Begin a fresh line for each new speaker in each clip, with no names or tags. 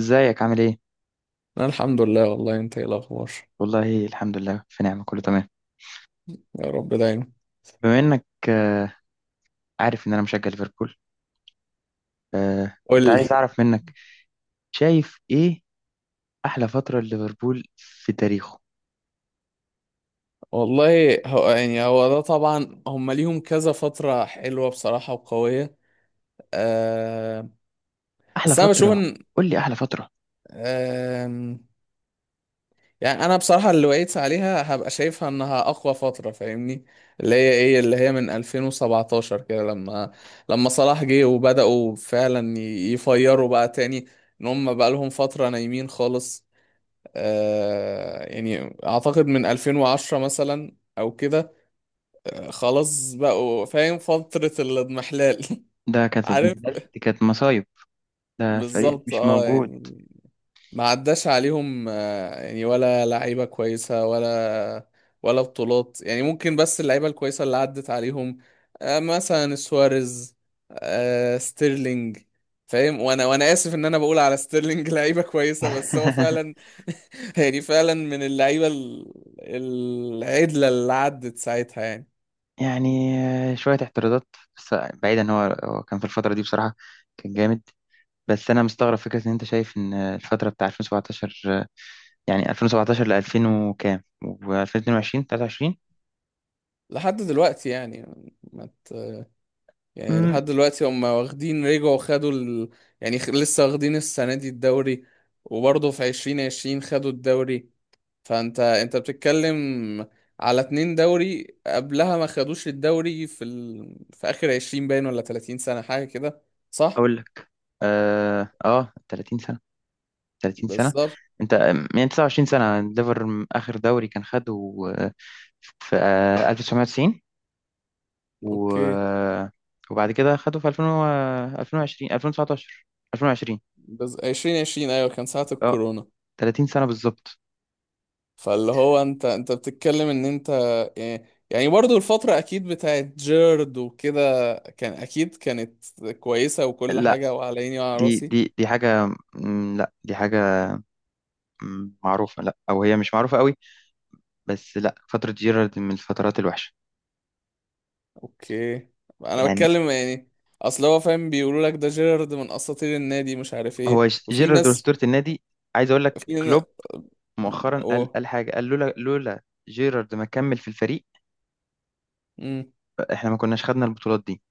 ازيك عامل ايه؟
انا الحمد لله، والله، انت ايه الاخبار؟
والله الحمد لله، في نعمة كله تمام.
يا رب دايما.
بما انك عارف ان انا مشجع ليفربول،
قول
كنت عايز
لي.
اعرف منك، شايف ايه احلى فترة ليفربول في تاريخه؟
والله، هو يعني هو ده طبعا هم ليهم كذا فترة حلوة بصراحة وقوية. أه،
احلى
بس انا بشوف
فترة،
ان
قول لي احلى فترة.
أه، يعني انا بصراحة اللي وقيت عليها هبقى شايفها انها اقوى فترة فاهمني، اللي هي من 2017 كده، لما صلاح جه وبدأوا فعلا يفيروا بقى تاني، ان هم بقى لهم فترة نايمين خالص. يعني اعتقد من 2010 مثلا او كده. خلاص، بقوا فاهم فترة الاضمحلال.
ده كانت
عارف.
محلال، دي كانت مصايب. ده فريق
بالظبط،
مش
اه
موجود.
يعني ما عداش عليهم، يعني ولا لعيبة كويسة ولا ولا بطولات، يعني ممكن. بس اللعيبة الكويسة اللي عدت عليهم، مثلا سواريز، ستيرلينج، فاهم؟ وانا اسف ان انا بقول على ستيرلينج لعيبة كويسة بس هو فعلا. يعني فعلا من اللعيبة العدلة اللي عدت ساعتها يعني.
يعني شوية اعتراضات، بس بعيدا ان هو كان في الفترة دي بصراحة، كان جامد. بس انا مستغرب فكرة ان انت شايف ان الفترة بتاع 2017، يعني 2017 ل 2000 وكام و2022 23.
لحد دلوقتي يعني ما ت- يعني
امم
لحد دلوقتي هم واخدين، رجعوا خدوا يعني لسه واخدين السنة دي الدوري، وبرضه في 2020 خدوا الدوري. فانت بتتكلم على اتنين دوري، قبلها ما خدوش الدوري في اخر عشرين باين ولا 30 سنة حاجة كده، صح؟
اقول لك. 30 سنة، 30 سنة.
بالظبط.
انت يعني 29 سنة ليفر، اخر دوري كان خده آه، في 1990، و
اوكي.
آه، وبعد كده خده في 2000 2020 2019 2020
بس 2020، ايوه، كان ساعة
اه
الكورونا.
30 سنة بالظبط.
فاللي هو انت بتتكلم ان انت يعني يعني برضو الفترة اكيد بتاعت جيرد وكده كان اكيد كانت كويسة وكل
لا،
حاجة وعلى عيني وعلى
دي
راسي.
دي دي حاجة. لا، دي حاجة معروفة، لا، او هي مش معروفة قوي، بس لا، فترة جيرارد من الفترات الوحشة.
اوكي. انا
يعني
بتكلم يعني، اصل هو فاهم، بيقولوا لك ده جيرد من اساطير النادي مش عارف ايه
هو
وفي
جيرارد
ناس،
وأسطورة النادي. عايز أقول لك
في ن-
كلوب مؤخرا قال،
اوه.
حاجة، قال لولا، جيرارد ما كمل في الفريق،
امم
إحنا ما كناش خدنا البطولات دي.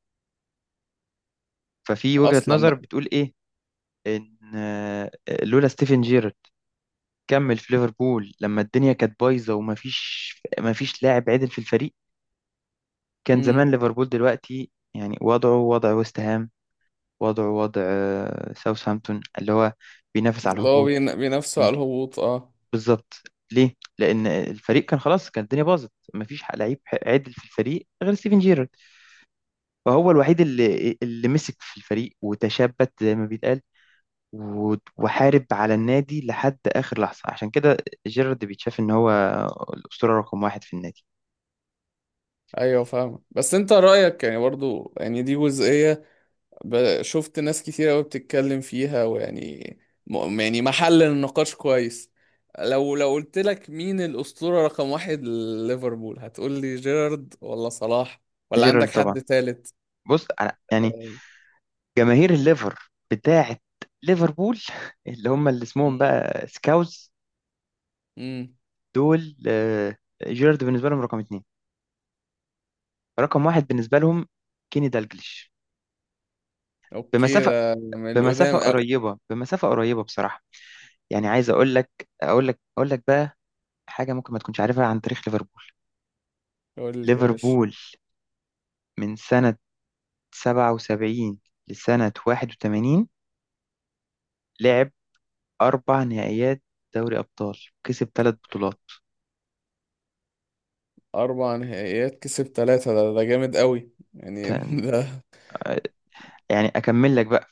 ففي وجهة
اصلا
نظر
بقى.
بتقول إيه، إن لولا ستيفن جيرارد كمل في ليفربول لما الدنيا كانت بايظة، وما فيش ما فيش لاعب عدل في الفريق، كان زمان
امم
ليفربول دلوقتي يعني وضعه وضع ويست هام، وضعه وضع ساوثهامبتون، اللي هو بينافس على
اللي هو
الهبوط.
بينافسوا على الهبوط، اه.
بالظبط. ليه؟ لأن الفريق كان خلاص، كان الدنيا باظت، مفيش لعيب عدل في الفريق غير ستيفن جيرارد. فهو الوحيد اللي مسك في الفريق وتشبت زي ما بيتقال، وحارب على النادي لحد آخر لحظة. عشان كده جيرارد بيتشاف إن هو الأسطورة رقم واحد في النادي.
ايوه فاهمة، بس انت رأيك يعني، برضو، يعني دي جزئية، شفت ناس كتير قوي بتتكلم فيها ويعني، يعني محل النقاش كويس. لو قلت لك مين الأسطورة رقم واحد لليفربول، هتقول لي جيرارد ولا صلاح، ولا عندك
جيرارد طبعا.
حد تالت؟
بص، أنا يعني
أه.
جماهير الليفر بتاعة ليفربول اللي هم اللي اسمهم
مم.
بقى سكاوز،
مم.
دول جيرارد بالنسبة لهم رقم اتنين. رقم واحد بالنسبة لهم كيني دالجليش،
اوكي،
بمسافة،
ده من
بمسافة
القدام قوي.
قريبة، بمسافة قريبة بصراحة. يعني عايز أقول لك بقى حاجة ممكن ما تكونش عارفها عن تاريخ ليفربول.
قول لي يا باشا.
ليفربول من سنة 77 لسنة 81 لعب أربع نهائيات دوري أبطال، كسب ثلاث بطولات.
4 نهائيات كسب ثلاثة، ده جامد قوي يعني.
ت-
ده
يعني أكمل لك بقى.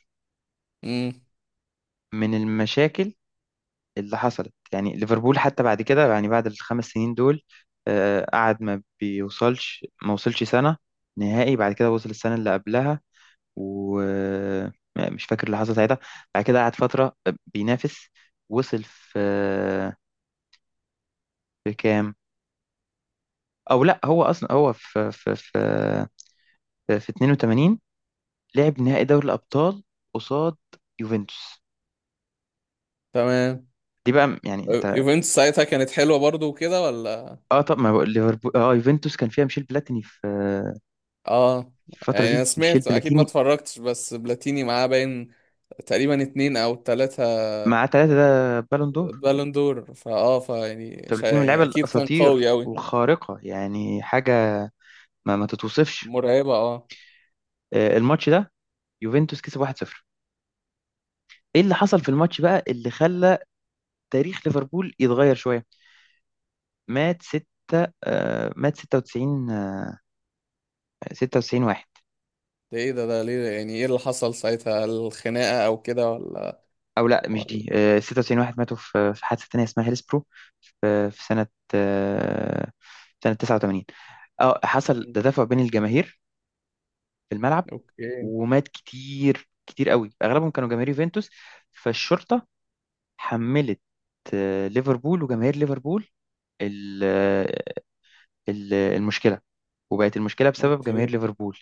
مم.
من المشاكل اللي حصلت، يعني ليفربول حتى بعد كده، يعني بعد الخمس سنين دول، قعد ما بيوصلش، ما وصلش سنة نهائي. بعد كده وصل السنة اللي قبلها، ومش فاكر اللي حصل ساعتها. بعد كده قعد فترة بينافس، وصل في كام، او لا، هو اصلا هو في 82 لعب نهائي دوري الابطال قصاد يوفنتوس.
تمام.
دي بقى يعني انت.
يوفنتوس ساعتها كانت حلوة برضو وكده ولا؟
اه، طب ما بقول ليفربول، اه، يوفنتوس كان فيها ميشيل بلاتيني في
اه.
في الفترة
يعني انا
دي. ميشيل
سمعت، اكيد ما
بلاتيني
اتفرجتش، بس بلاتيني معاه باين تقريبا اتنين او تلاتة
معاه ثلاثة ده بالون دور.
بالون دور، فاه فيعني شا-
فبلاتيني من اللعيبة
يعني اكيد كان
الأساطير
قوي اوي.
والخارقة، يعني حاجة ما تتوصفش.
مرعبة، اه.
الماتش ده يوفنتوس كسب 1-0. ايه اللي حصل في الماتش بقى اللي خلى تاريخ ليفربول يتغير شويه؟ مات 6، آه، مات 96، آه 96 واحد.
ده ايه ده ليه، يعني ايه اللي حصل ساعتها، الخناقة او كده ولا؟
او لا، مش
ولا.
دي، 96 واحد ماتوا في حادثه تانيه اسمها هيلسبرو، في في سنه آه سنه 89. اه، حصل
مم.
تدافع بين الجماهير في الملعب،
اوكي.
ومات كتير كتير قوي، اغلبهم كانوا جماهير يوفنتوس. فالشرطه حملت ليفربول وجماهير ليفربول ال- آه، المشكله، وبقت المشكله بسبب جماهير
اوكي،
ليفربول.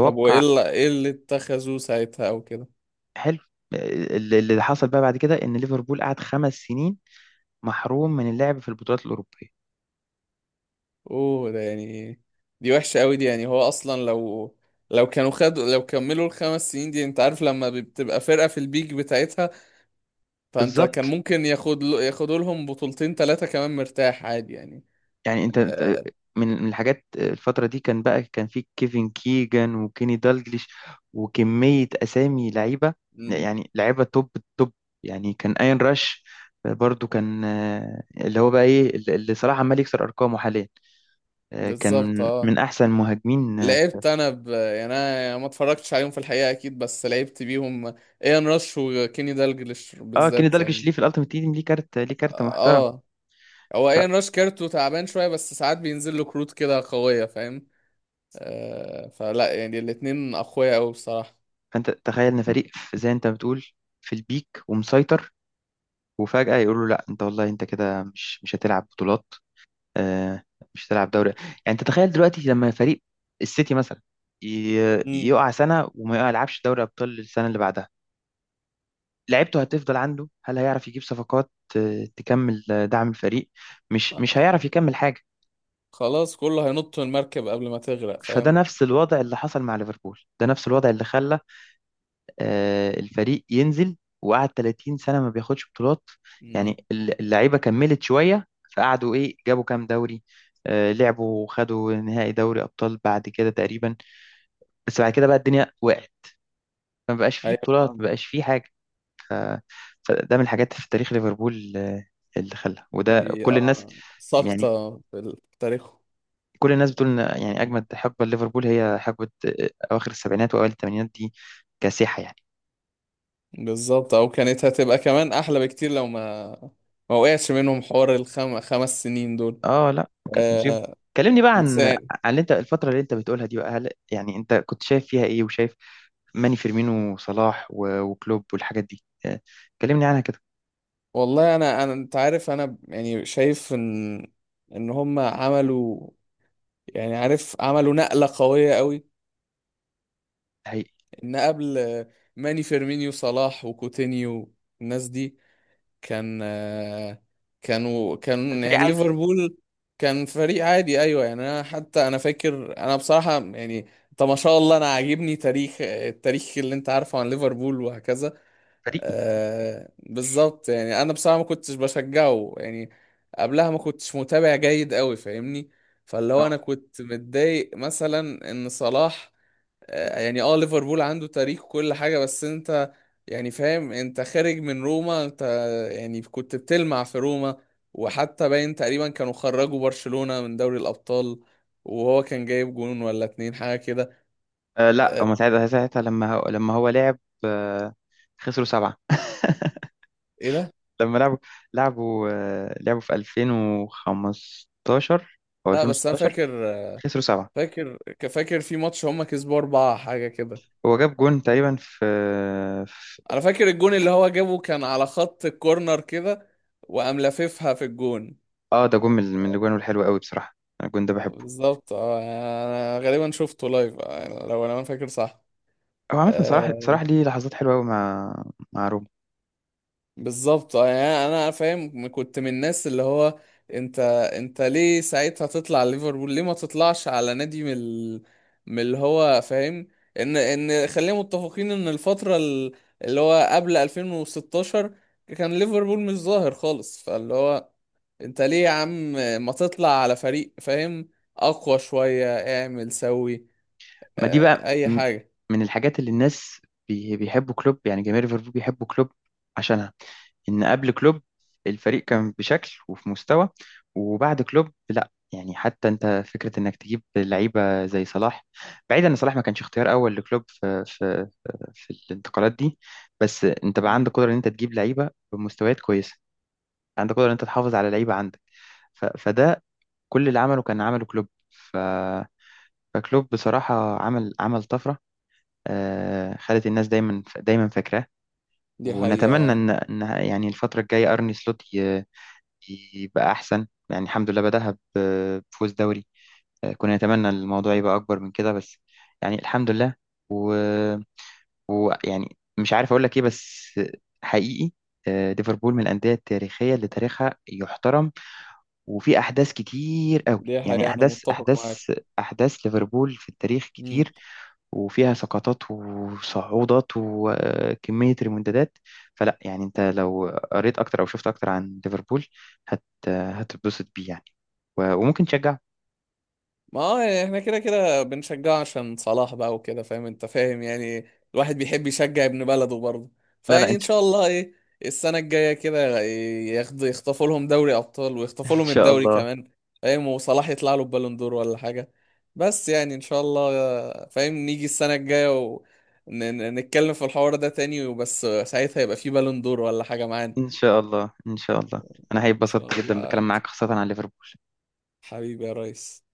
طب وايه اللي ايه اللي اتخذوه ساعتها او كده؟
حلو. اللي حصل بقى بعد كده ان ليفربول قعد خمس سنين محروم من اللعب في البطولات الاوروبيه.
اوه، ده يعني دي وحشة اوي دي. يعني هو اصلا لو كانوا خدوا لو كملوا ال5 سنين دي، انت عارف لما بتبقى فرقة في البيك بتاعتها، فانت كان
بالظبط.
ممكن ياخدوا لهم بطولتين ثلاثة كمان مرتاح عادي يعني.
يعني
آه.
من الحاجات الفتره دي، كان بقى كان في كيفن كيجان وكيني دالجليش وكميه اسامي لعيبه.
مم.
يعني لعيبه توب التوب. يعني كان اين راش، برضو كان اللي هو بقى ايه اللي صلاح عمال يكسر ارقامه حاليا. كان
بالظبط،
من
اه.
من احسن مهاجمين.
لعبت انا يعني انا، يعني ما اتفرجتش عليهم في الحقيقة اكيد، بس لعبت بيهم. ايان راش وكيني دالجلش
اه، كيني
بالذات
دالجليش
يعني.
ليه في الالتيميت تيم ليه كارت، ليه كارت محترم.
اه. هو ايان راش كارته تعبان شوية، بس ساعات بينزل له كروت كده قوية، فاهم؟ آه، فلا، يعني الاتنين اقوياء قوي بصراحة.
فانت تخيل ان فريق زي انت بتقول، في البيك ومسيطر، وفجأة يقولوا له لا، انت والله انت كده مش هتلعب بطولات، آه، مش هتلعب دوري. يعني انت تخيل دلوقتي لما فريق السيتي مثلا
مم.
يقع سنة وما يلعبش دوري ابطال السنة اللي بعدها، لعيبته هتفضل عنده؟ هل هيعرف يجيب صفقات، تكمل دعم الفريق؟ مش هيعرف يكمل حاجة.
خلاص كله هينط من المركب قبل ما تغرق،
فده
فاهم؟
نفس الوضع اللي حصل مع ليفربول، ده نفس الوضع اللي خلى الفريق ينزل، وقعد 30 سنة ما بياخدش بطولات.
مم.
يعني اللعيبة كملت شوية، فقعدوا، ايه، جابوا كام دوري، لعبوا وخدوا نهائي دوري أبطال بعد كده تقريبا. بس بعد كده بقى الدنيا وقعت، ما بقاش فيه بطولات، ما
أيوة.
بقاش فيه حاجة. فده من الحاجات في تاريخ ليفربول اللي خلى وده
دي
كل الناس،
اه
يعني
ساقطة في تاريخه.
كل الناس بتقول ان، يعني،
مم.
اجمد حقبه ليفربول هي حقبه اواخر السبعينات واوائل الثمانينات دي. كاسحه يعني.
بالظبط، او كانت هتبقى كمان احلى بكتير لو ما وقعش منهم حوار 5 سنين دول.
اه، لا، كانت مصيبة.
آه.
كلمني بقى
بس
عن
يعني،
اللي انت، الفترة اللي انت بتقولها دي بقى، هل يعني انت كنت شايف فيها ايه؟ وشايف ماني فيرمينو وصلاح وكلوب والحاجات دي، كلمني عنها كده.
والله، انا انت عارف انا يعني شايف ان هم عملوا، يعني عارف، عملوا نقلة قوية قوي.
الحقيقي
ان قبل ماني فيرمينيو صلاح وكوتينيو، الناس دي، كان آه، كان
الفريق
يعني
عادي.
ليفربول كان فريق عادي. ايوه يعني، انا حتى انا فاكر، انا بصراحه يعني، طب ما شاء الله، انا عاجبني تاريخ التاريخ اللي انت عارفه عن ليفربول وهكذا.
فريقي.
آه، بالظبط. يعني انا بصراحه ما كنتش بشجعه يعني، قبلها ما كنتش متابع جيد قوي، فاهمني؟ فاللي هو
اه
انا كنت متضايق مثلا ان صلاح، يعني، اه، ليفربول عنده تاريخ وكل حاجة، بس انت يعني فاهم، انت خارج من روما، انت يعني كنت بتلمع في روما، وحتى باين تقريبا كانوا خرجوا برشلونة من دوري الأبطال، وهو كان جايب جون ولا اتنين حاجة كده.
لا، هما ساعتها، لما هو، لعب آه، خسروا سبعة.
ايه ده؟
لما لعبوا، لعبوا في 2015 او
لا، بس انا
2016،
فاكر،
خسروا سبعة.
فاكر فاكر في ماتش هما كسبوا أربعة حاجة كده.
هو جاب جون تقريبا في-
انا فاكر الجون اللي هو جابه كان على خط الكورنر كده، وقام لاففها في الجون.
اه، ده جون من الجوان الحلوة قوي بصراحة. الجون ده بحبه.
بالظبط، اه، انا غالبا شفته لايف، لو انا فاكر صح.
هو عامة صلاح،
آه،
ليه لحظات حلوة أوي مع روما.
بالظبط. يعني انا فاهم، كنت من الناس اللي هو، انت ليه ساعتها تطلع على ليفربول؟ ليه ما تطلعش على نادي من اللي هو، فاهم؟ ان خلينا متفقين ان الفترة اللي هو قبل 2016 كان ليفربول مش ظاهر خالص. فاللي هو، انت ليه يا عم ما تطلع على فريق، فاهم، اقوى شوية، اعمل سوي،
ما دي
آه،
بقى
اي حاجة.
من الحاجات اللي الناس بيحبوا كلوب يعني جماهير ليفربول بيحبوا كلوب عشانها، إن قبل كلوب الفريق كان بشكل وفي مستوى، وبعد كلوب لا. يعني حتى أنت فكرة إنك تجيب لعيبة زي صلاح، بعيدا إن صلاح ما كانش اختيار أول لكلوب في الانتقالات دي، بس أنت بقى
مم.
عندك قدرة إن أنت تجيب لعيبة بمستويات كويسة، عندك قدرة إن أنت تحافظ على لعيبة عندك. فده كل اللي عمله كان عمله كلوب، فكلوب بصراحة عمل طفرة، خلت الناس دايما دايما فاكراه.
دي حقيقة،
ونتمنى
آه.
ان يعني الفترة الجاية ارني سلوت يبقى احسن. يعني الحمد لله، بدأها بفوز دوري. كنا نتمنى الموضوع يبقى اكبر من كده، بس يعني الحمد لله، و- ويعني مش عارف اقول لك ايه، بس حقيقي ليفربول من الأندية التاريخية اللي تاريخها يحترم. وفي أحداث كتير قوي،
دي
يعني،
حقيقة، انا متفق معاك.
أحداث ليفربول في التاريخ كتير، وفيها سقطات وصعودات وكمية ريمونتادات. فلا، يعني انت لو قريت اكتر او شفت اكتر عن ليفربول هتتبسط بيه يعني، وممكن تشجع.
ما هو يعني احنا كده كده بنشجعه عشان صلاح بقى وكده، فاهم انت، فاهم يعني، الواحد بيحب يشجع ابن بلده برضه.
لا لا
فيعني ان
انت.
شاء الله، ايه، السنة الجاية كده يخطفوا لهم دوري ابطال، ويخطفوا
ان
لهم
شاء
الدوري
الله،
كمان، فاهم؟ وصلاح يطلع له بالون دور ولا حاجة. بس يعني ان شاء الله، فاهم، نيجي السنة الجاية ونتكلم في الحوار ده تاني، وبس ساعتها يبقى في بالون دور ولا حاجة معانا.
ان شاء الله، ان شاء الله انا
ان
هيتبسطت
شاء
جدا
الله.
بالكلام معاك خاصة عن ليفربول.
حبيبي يا ريس.